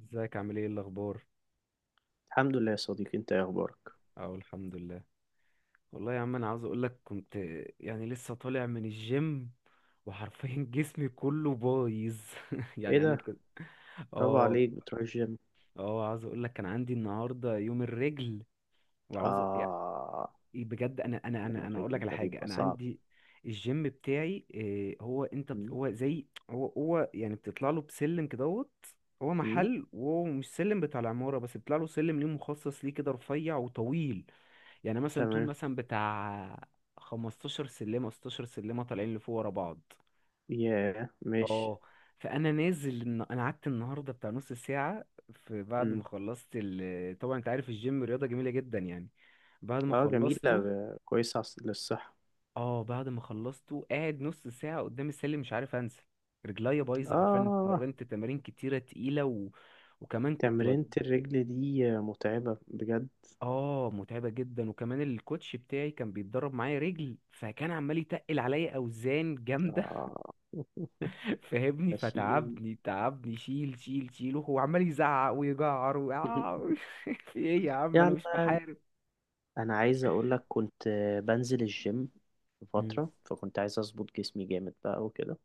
ازيك عامل ايه الاخبار؟ الحمد لله يا صديقي، انت ايه اخبارك؟ اه، الحمد لله. والله يا عم انا عاوز اقول لك كنت، يعني لسه طالع من الجيم وحرفيا جسمي كله بايظ. ايه يعني انا ده؟ كنت برافو اه. عليك بتروح الجيم. اه عاوز اقول لك كان عندي النهارده يوم الرجل وعاوز يعني اه، بجد. انا اقول لك الريتم على ده حاجه. بيبقى انا صعب. عندي الجيم بتاعي إيه، هو انت مم. هو زي هو يعني بتطلع له بسلم كدهوت. هو مم. محل، وهو مش سلم بتاع العماره بس بيطلع له سلم ليه مخصص ليه، كده رفيع وطويل. يعني مثلا طول تمام. مثلا بتاع 15 سلمة 16 سلمة طالعين لفوق ورا بعض. ياه، ماشي. اه. فانا نازل انا قعدت النهارده بتاع نص ساعه في، بعد مم. ما خلصت ال... طبعا انت عارف الجيم رياضه جميله جدا يعني. بعد ما اه، جميلة خلصته كويسة للصحة. اه. بعد ما خلصته قاعد نص ساعه قدام السلم مش عارف انزل. رجليا بايظه، حرفيا اه، اتمرنت تمارين كتيره تقيله و... وكمان كنت تمرينة بد... الرجل دي متعبة بجد. اه، متعبه جدا. وكمان الكوتش بتاعي كان بيتدرب معايا رجل فكان عمال يتقل عليا اوزان جامده. اه. فاهمني. ماشيين. فتعبني تعبني شيل شيل شيل وهو عمال يزعق ويجعر و... آه، في ايه يا عم، انا يعني مش بحارب. انا عايز اقول لك، كنت بنزل الجيم في مم. فترة، فكنت عايز اظبط جسمي جامد بقى وكده.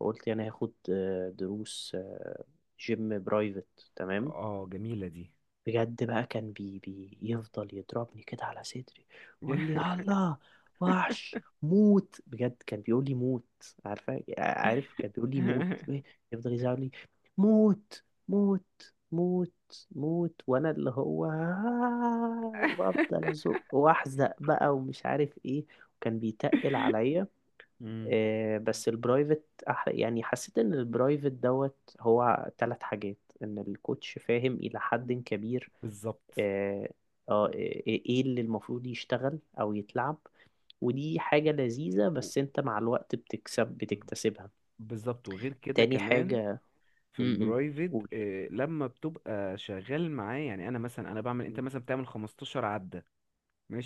فقلت يعني هاخد دروس جيم برايفت. تمام. اه جميلة دي. بجد بقى كان بي يفضل يضربني كده على صدري، يقول لي يلا وحش موت. بجد كان بيقول لي موت. عارف كان بيقول لي موت. يفضل يزعل لي، موت موت موت موت، وانا اللي هو وافضل ازق واحزق بقى ومش عارف ايه. وكان بيتقل عليا. مم. بس البرايفت يعني حسيت ان البرايفت دوت هو ثلاث حاجات. ان الكوتش فاهم الى حد كبير. بالظبط. آه، إيه اللي المفروض يشتغل او يتلعب. ودي حاجة لذيذة و- بس انت مع الوقت بتكتسبها. بالظبط. وغير كده تاني كمان حاجة. في امم. البرايفت قول. آه، لما بتبقى شغال معاه، يعني انا مثلا انا بعمل، انت مثلا بتعمل 15 عدة.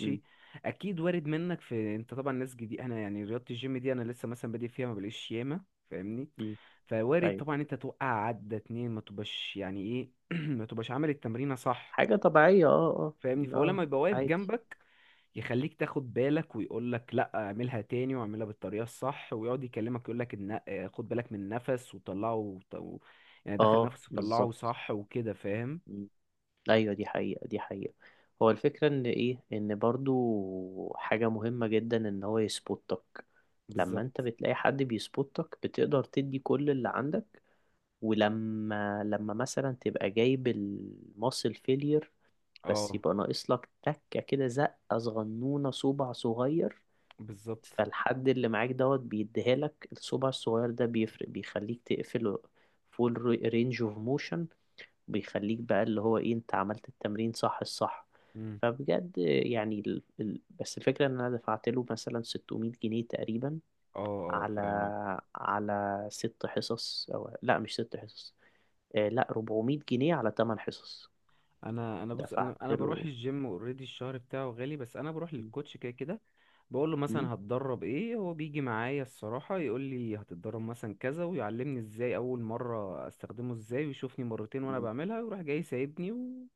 امم. اكيد وارد منك، في انت طبعا ناس جديد، انا يعني رياضه الجيم دي انا لسه مثلا بادئ فيها، ما بلاقيش ياما. فاهمني. فوارد ايوه. طبعا انت توقع عدة اتنين ما تبقاش يعني ايه، ما تبقاش عامل التمرينه صح. حاجة طبيعية. اه. فاهمني. اه. فهو اه، لما يبقى واقف عادي. جنبك يخليك تاخد بالك، ويقول لك لا اعملها تاني واعملها بالطريقه الصح، ويقعد يكلمك يقول لك ان آه، خد بالك من النفس وطلعه و... يعني دخل اه، نفس وطلعه بالظبط. صح وكده فاهم. ايوه، دي حقيقة، دي حقيقة. هو الفكرة ان ايه، ان برضو حاجة مهمة جدا ان هو يسبوتك. لما انت بالظبط. بتلاقي حد بيسبوتك بتقدر تدي كل اللي عندك. ولما مثلا تبقى جايب الماسل فيلير، بس اه يبقى ناقص لك تكة كده، زقة صغنونة، صبع صغير. بالظبط. فالحد اللي معاك دوت بيديها لك، الصبع الصغير ده بيفرق، بيخليك تقفل فول رينج اوف موشن. بيخليك بقى اللي هو ايه، انت عملت التمرين الصح. مم. فبجد يعني بس الفكرة ان انا دفعت له مثلا 600 جنيه تقريبا، اه اه على فاهمك. ست حصص، او لا، مش ست حصص. آه لا، 400 جنيه على 8 حصص. انا بص انا دفعت انا له. بروح الجيم اوريدي، الشهر بتاعه غالي بس انا بروح م- للكوتش كده كده. بقول له م- مثلا هتدرب ايه، هو بيجي معايا الصراحة يقول لي هتتدرب مثلا كذا ويعلمني ازاي اول مرة استخدمه ازاي، ويشوفني مرتين وانا بعملها ويروح جاي سايبني و...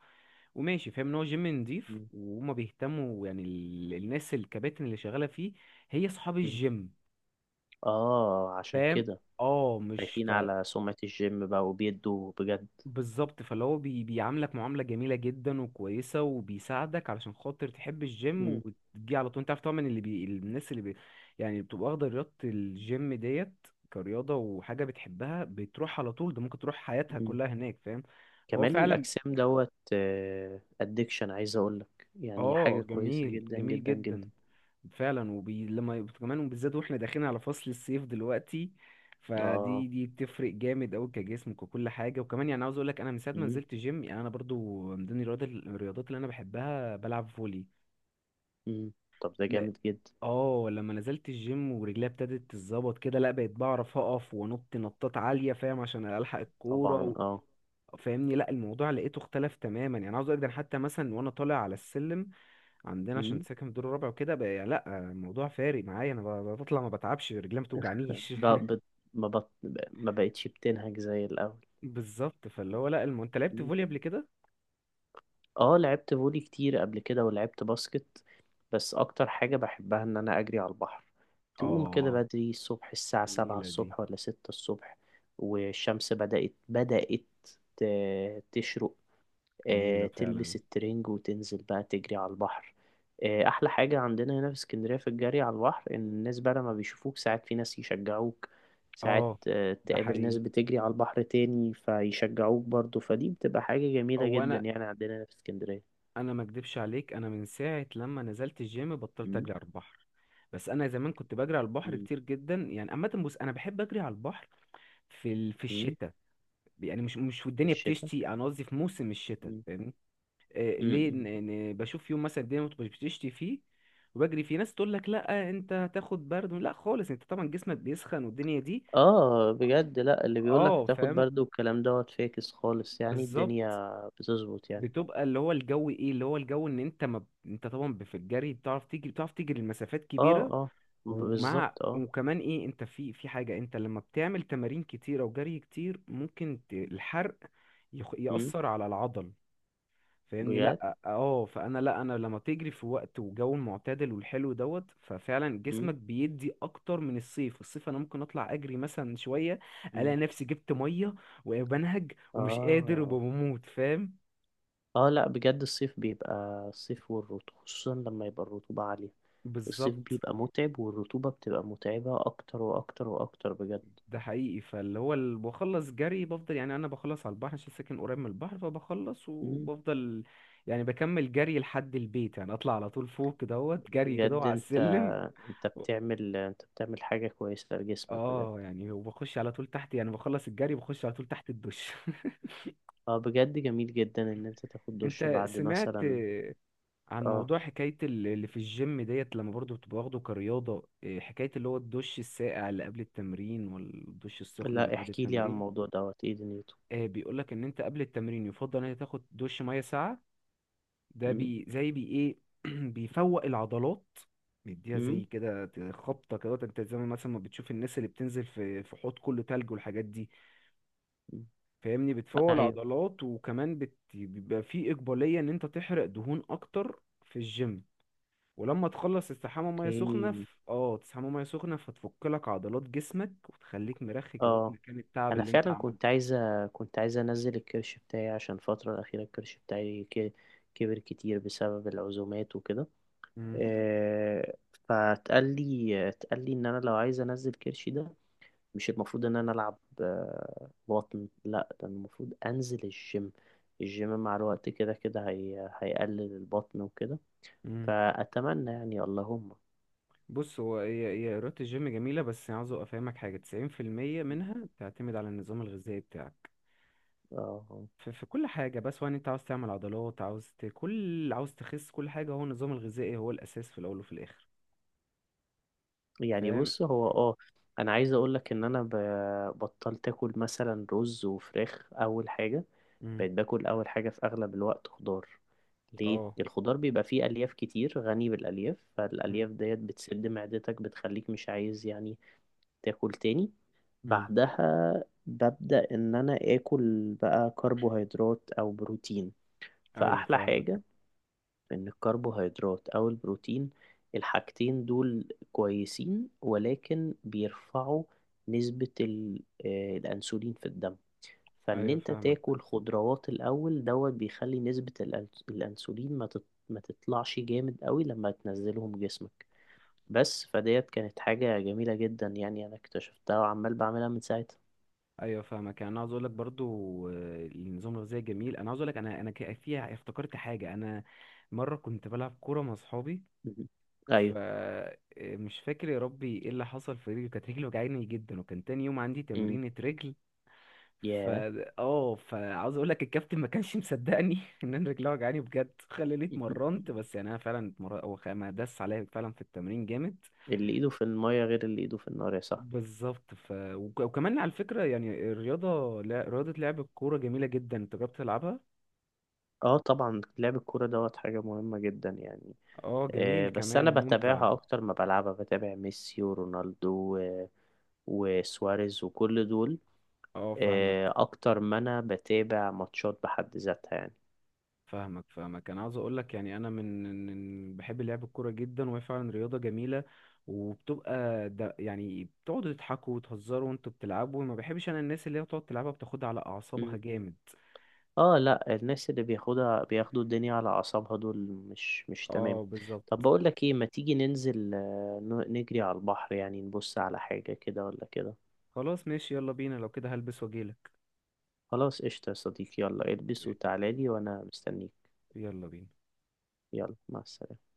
وماشي. فاهم ان هو جيم نضيف م- وهما بيهتموا، يعني الناس الكباتن اللي شغالة فيه، هي اصحاب م- الجيم. اه، عشان فاهم. كده اه مش ف... خايفين على سمعة الجيم بقى وبيدوا بجد. بالظبط. فاللي هو بيعاملك معاملة جميلة جدا وكويسة وبيساعدك علشان خاطر تحب الجيم م- وتجي على طول. انت عارف طبعا اللي بي، الناس اللي بي يعني بتبقى واخدة رياضة الجيم ديت كرياضة وحاجة بتحبها بتروح على طول، ده ممكن تروح حياتها م. كلها هناك فاهم. فهو كمال فعلا. الأجسام دوت أدكشن، عايز أقولك يعني اه حاجة كويسة جميل جدا جميل جدا جدا. جدا. فعلا. وبي... لما يبقى- كمان وبالذات واحنا داخلين على فصل الصيف دلوقتي، اه. فدي دي بتفرق جامد قوي كجسمك وكل حاجه. وكمان يعني عاوز اقول لك انا من ساعه ما مم. نزلت جيم، يعني انا برضو من ضمن الرياضات الرياضات اللي انا بحبها بلعب فولي. مم. طب ده م-. جامد جدا. اه لما نزلت الجيم ورجليا ابتدت تتظبط كده، لا بقيت بعرف اقف وانط نطات عاليه فاهم عشان الحق الكوره طبعا و... اه. فاهمني. لا الموضوع لقيته اختلف تماما. يعني عاوز اقول لك ده أنا حتى مثلا وانا طالع على السلم عندنا عشان مم. ساكن في الدور الرابع وكده بقى، لا الموضوع فارق معايا. انا بطلع ما بتعبش رجلي ما بتوجعنيش. ب... ب... ما بط... ما بقتش بتنهج زي الأول. بالظبط. فاللي هو لا الم... انت لعبت مم. فولي قبل كده؟ اه، لعبت فولي كتير قبل كده، ولعبت باسكت. بس أكتر حاجة بحبها إن أنا أجري على البحر. تقوم كده اه. بدري الصبح، الساعة 7 جميله دي. الصبح ولا 6 الصبح، والشمس بدأت تشرق. جميله فعلا. تلبس الترنج وتنزل بقى تجري على البحر. احلى حاجة عندنا هنا في اسكندرية في الجري على البحر، ان الناس بقى لما بيشوفوك ساعات في ناس يشجعوك، ساعات اه ده تقابل ناس حقيقي. بتجري على البحر تاني فيشجعوك برضو. فدي بتبقى حاجة جميلة هو جدا انا، يعني، عندنا هنا في اسكندرية. انا ما اكدبش عليك، انا من ساعه لما نزلت الجيم بطلت مم، اجري على البحر. بس انا زمان كنت بجري على البحر مم، كتير جدا. يعني عامه بص انا بحب اجري على البحر في ال... في مم، الشتاء. يعني مش مش في والدنيا الشتاء. بتشتي، انا قصدي في موسم الشتاء. مم، آه، مم، ليه، ان مم. إن بشوف يوم مثلا الدنيا بتشتي فيه وبجري فيه. ناس تقول لك لا انت هتاخد برد، لا خالص انت طبعا جسمك بيسخن والدنيا دي. اه، بجد. لا، اللي بيقولك اه تاخد فاهم. برد والكلام دوت فاكس خالص، يعني بالظبط. الدنيا بتظبط يعني. بتبقى اللي هو الجو، ايه اللي هو الجو، ان انت ما انت طبعا في الجري بتعرف تجري، بتعرف تجري المسافات اه، كبيره. اه، ومع، بالظبط اه. وكمان ايه، انت في في حاجه، انت لما بتعمل تمارين كتيره وجري كتير ممكن الحرق مم، يأثر على العضل. فاهمني. بجد. لا اه. فانا لا انا لما بتجري في وقت وجو معتدل والحلو دوت، ففعلا جسمك بيدي اكتر من الصيف. الصيف انا ممكن اطلع اجري مثلا شويه الاقي مم. نفسي جبت ميه وبنهج ومش قادر اه، وبموت فاهم. اه، لا، بجد الصيف بيبقى، الصيف والرطوبة، خصوصا لما يبقى الرطوبة عالية. الصيف بالظبط. بيبقى متعب، والرطوبة بتبقى متعبة اكتر واكتر واكتر بجد. ده حقيقي. فاللي هو بخلص جري بفضل، يعني انا بخلص على البحر عشان ساكن قريب من البحر، فبخلص مم. وبفضل يعني بكمل جري لحد البيت، يعني اطلع على طول فوق دوت جري كده بجد وعلى انت، السلم. انت بتعمل حاجة كويسة لجسمك بجد. اه يعني وبخش على طول تحت، يعني بخلص الجري بخش على طول تحت الدش. اه، بجد جميل جدا ان انت تاخد دش انت بعد سمعت مثلا. آه، عن اه، موضوع حكاية اللي في الجيم ديت لما برضو بتبقى واخده كرياضة آه، حكاية اللي هو الدش الساقع اللي قبل التمرين، والدش السخن اللي لا، بعد احكي لي على التمرين؟ الموضوع دوت، ايه دنيته. آه، بيقولك ان انت قبل التمرين يفضل ان انت تاخد دش مية ساقعة. ده مم. بي زي بي ايه، بيفوق العضلات، بيديها زي مم. كده خبطة كده، انت زي ما مثلا ما بتشوف الناس اللي بتنزل في في حوض كله تلج والحاجات دي. مم. فاهمني. بتفول ايوه. عضلات، وكمان بت... بيبقى في إقبالية إن أنت تحرق دهون أكتر في الجيم. ولما تخلص تستحمى مية سخنة اوكي. ف... اه تستحمى مية سخنة فتفك لك عضلات جسمك وتخليك مرخي كده في اه، مكان التعب انا اللي أنت فعلا عملته. كنت عايزه انزل الكرش بتاعي، عشان الفتره الاخيره الكرش بتاعي كبر كتير بسبب العزومات وكده. مم. آه، فتقال لي اتقال لي ان انا لو عايز انزل كرشي ده، مش المفروض ان انا العب بطن، لا ده المفروض انزل الجيم. الجيم مع الوقت كده كده هيقلل البطن وكده. مم. فاتمنى يعني اللهم. بص هو هي رياضة الجيم جميلة، بس عاوز أفهمك حاجة. 90% منها بتعتمد على النظام الغذائي بتاعك اه، في، في كل حاجة. بس سواء أنت عاوز تعمل عضلات، عاوز ت... كل، عاوز تخس، كل حاجة هو النظام الغذائي هو الأساس في الأول وفي الآخر. يعني فاهم. بص هو اه، انا عايز اقول لك ان انا بطلت اكل مثلا رز وفراخ اول حاجه. مم. بقيت باكل اول حاجه في اغلب الوقت خضار. ليه؟ اه الخضار بيبقى فيه الياف كتير، غني بالالياف. مم. فالالياف ديت بتسد معدتك، بتخليك مش عايز يعني تاكل تاني. مم. بعدها ببدا ان انا اكل بقى كربوهيدرات او بروتين. ايوه فاحلى فاهمك. حاجه ان الكربوهيدرات او البروتين، الحاجتين دول كويسين، ولكن بيرفعوا نسبة الانسولين في الدم. فان ايوه انت فاهمك. تاكل خضروات الاول دوت بيخلي نسبة الانسولين ما تطلعش جامد قوي لما تنزلهم جسمك. بس فديت كانت حاجة جميلة جدا يعني، انا اكتشفتها وعمال بعملها من ساعتها. ايوه فاهمك. يعني انا عاوز اقول لك برضو آه، النظام الغذائي جميل. انا عاوز اقول لك انا انا فيها افتكرت حاجه. انا مره كنت بلعب كوره مع اصحابي مهم. ايوه. فمش فاكر يا ربي ايه اللي حصل في رجلي، كانت رجلي وجعاني جدا وكان تاني يوم عندي امم. تمرينة رجل. ف. ياه. اه، فعاوز اقول لك الكابتن ما كانش مصدقني ان انا رجلي وجعاني بجد، خلاني مهم. اتمرنت. بس يعني انا فعلا اتمرنت. هو ما داس عليا فعلا في التمرين جامد. اللي ايده في المية غير اللي ايده في النار يا صاحبي. بالظبط. ف... وكمان على فكرة، يعني الرياضة لا، رياضة لعب الكورة جميلة جدا، انت جربت تلعبها؟ اه، طبعا لعب الكورة دوت حاجة مهمة جدا يعني. اه جميل بس كمان انا وممتع. بتابعها اكتر ما بلعبها، بتابع ميسي ورونالدو وسواريز وكل دول. اه فاهمك اكتر ما انا بتابع ماتشات بحد ذاتها يعني. فاهمك فاهمك. انا عاوز اقول لك يعني بحب لعب الكورة جدا وهي فعلا رياضة جميلة. وبتبقى ده يعني بتقعدوا تضحكوا وتهزروا وانتوا بتلعبوا، ما بحبش انا الناس اللي هي بتقعد تلعبها بتاخدها على اعصابها مم. جامد. اه، لا، الناس اللي بياخدوا الدنيا على اعصابها دول مش تمام. اه بالظبط. طب بقول لك ايه، ما تيجي ننزل نجري على البحر يعني، نبص على حاجة كده ولا كده. خلاص ماشي يلا بينا لو كده، هلبس واجيلك. خلاص قشطة يا صديقي، يلا البس وتعالى لي وانا مستنيك. يلا بينا. يلا مع السلامة.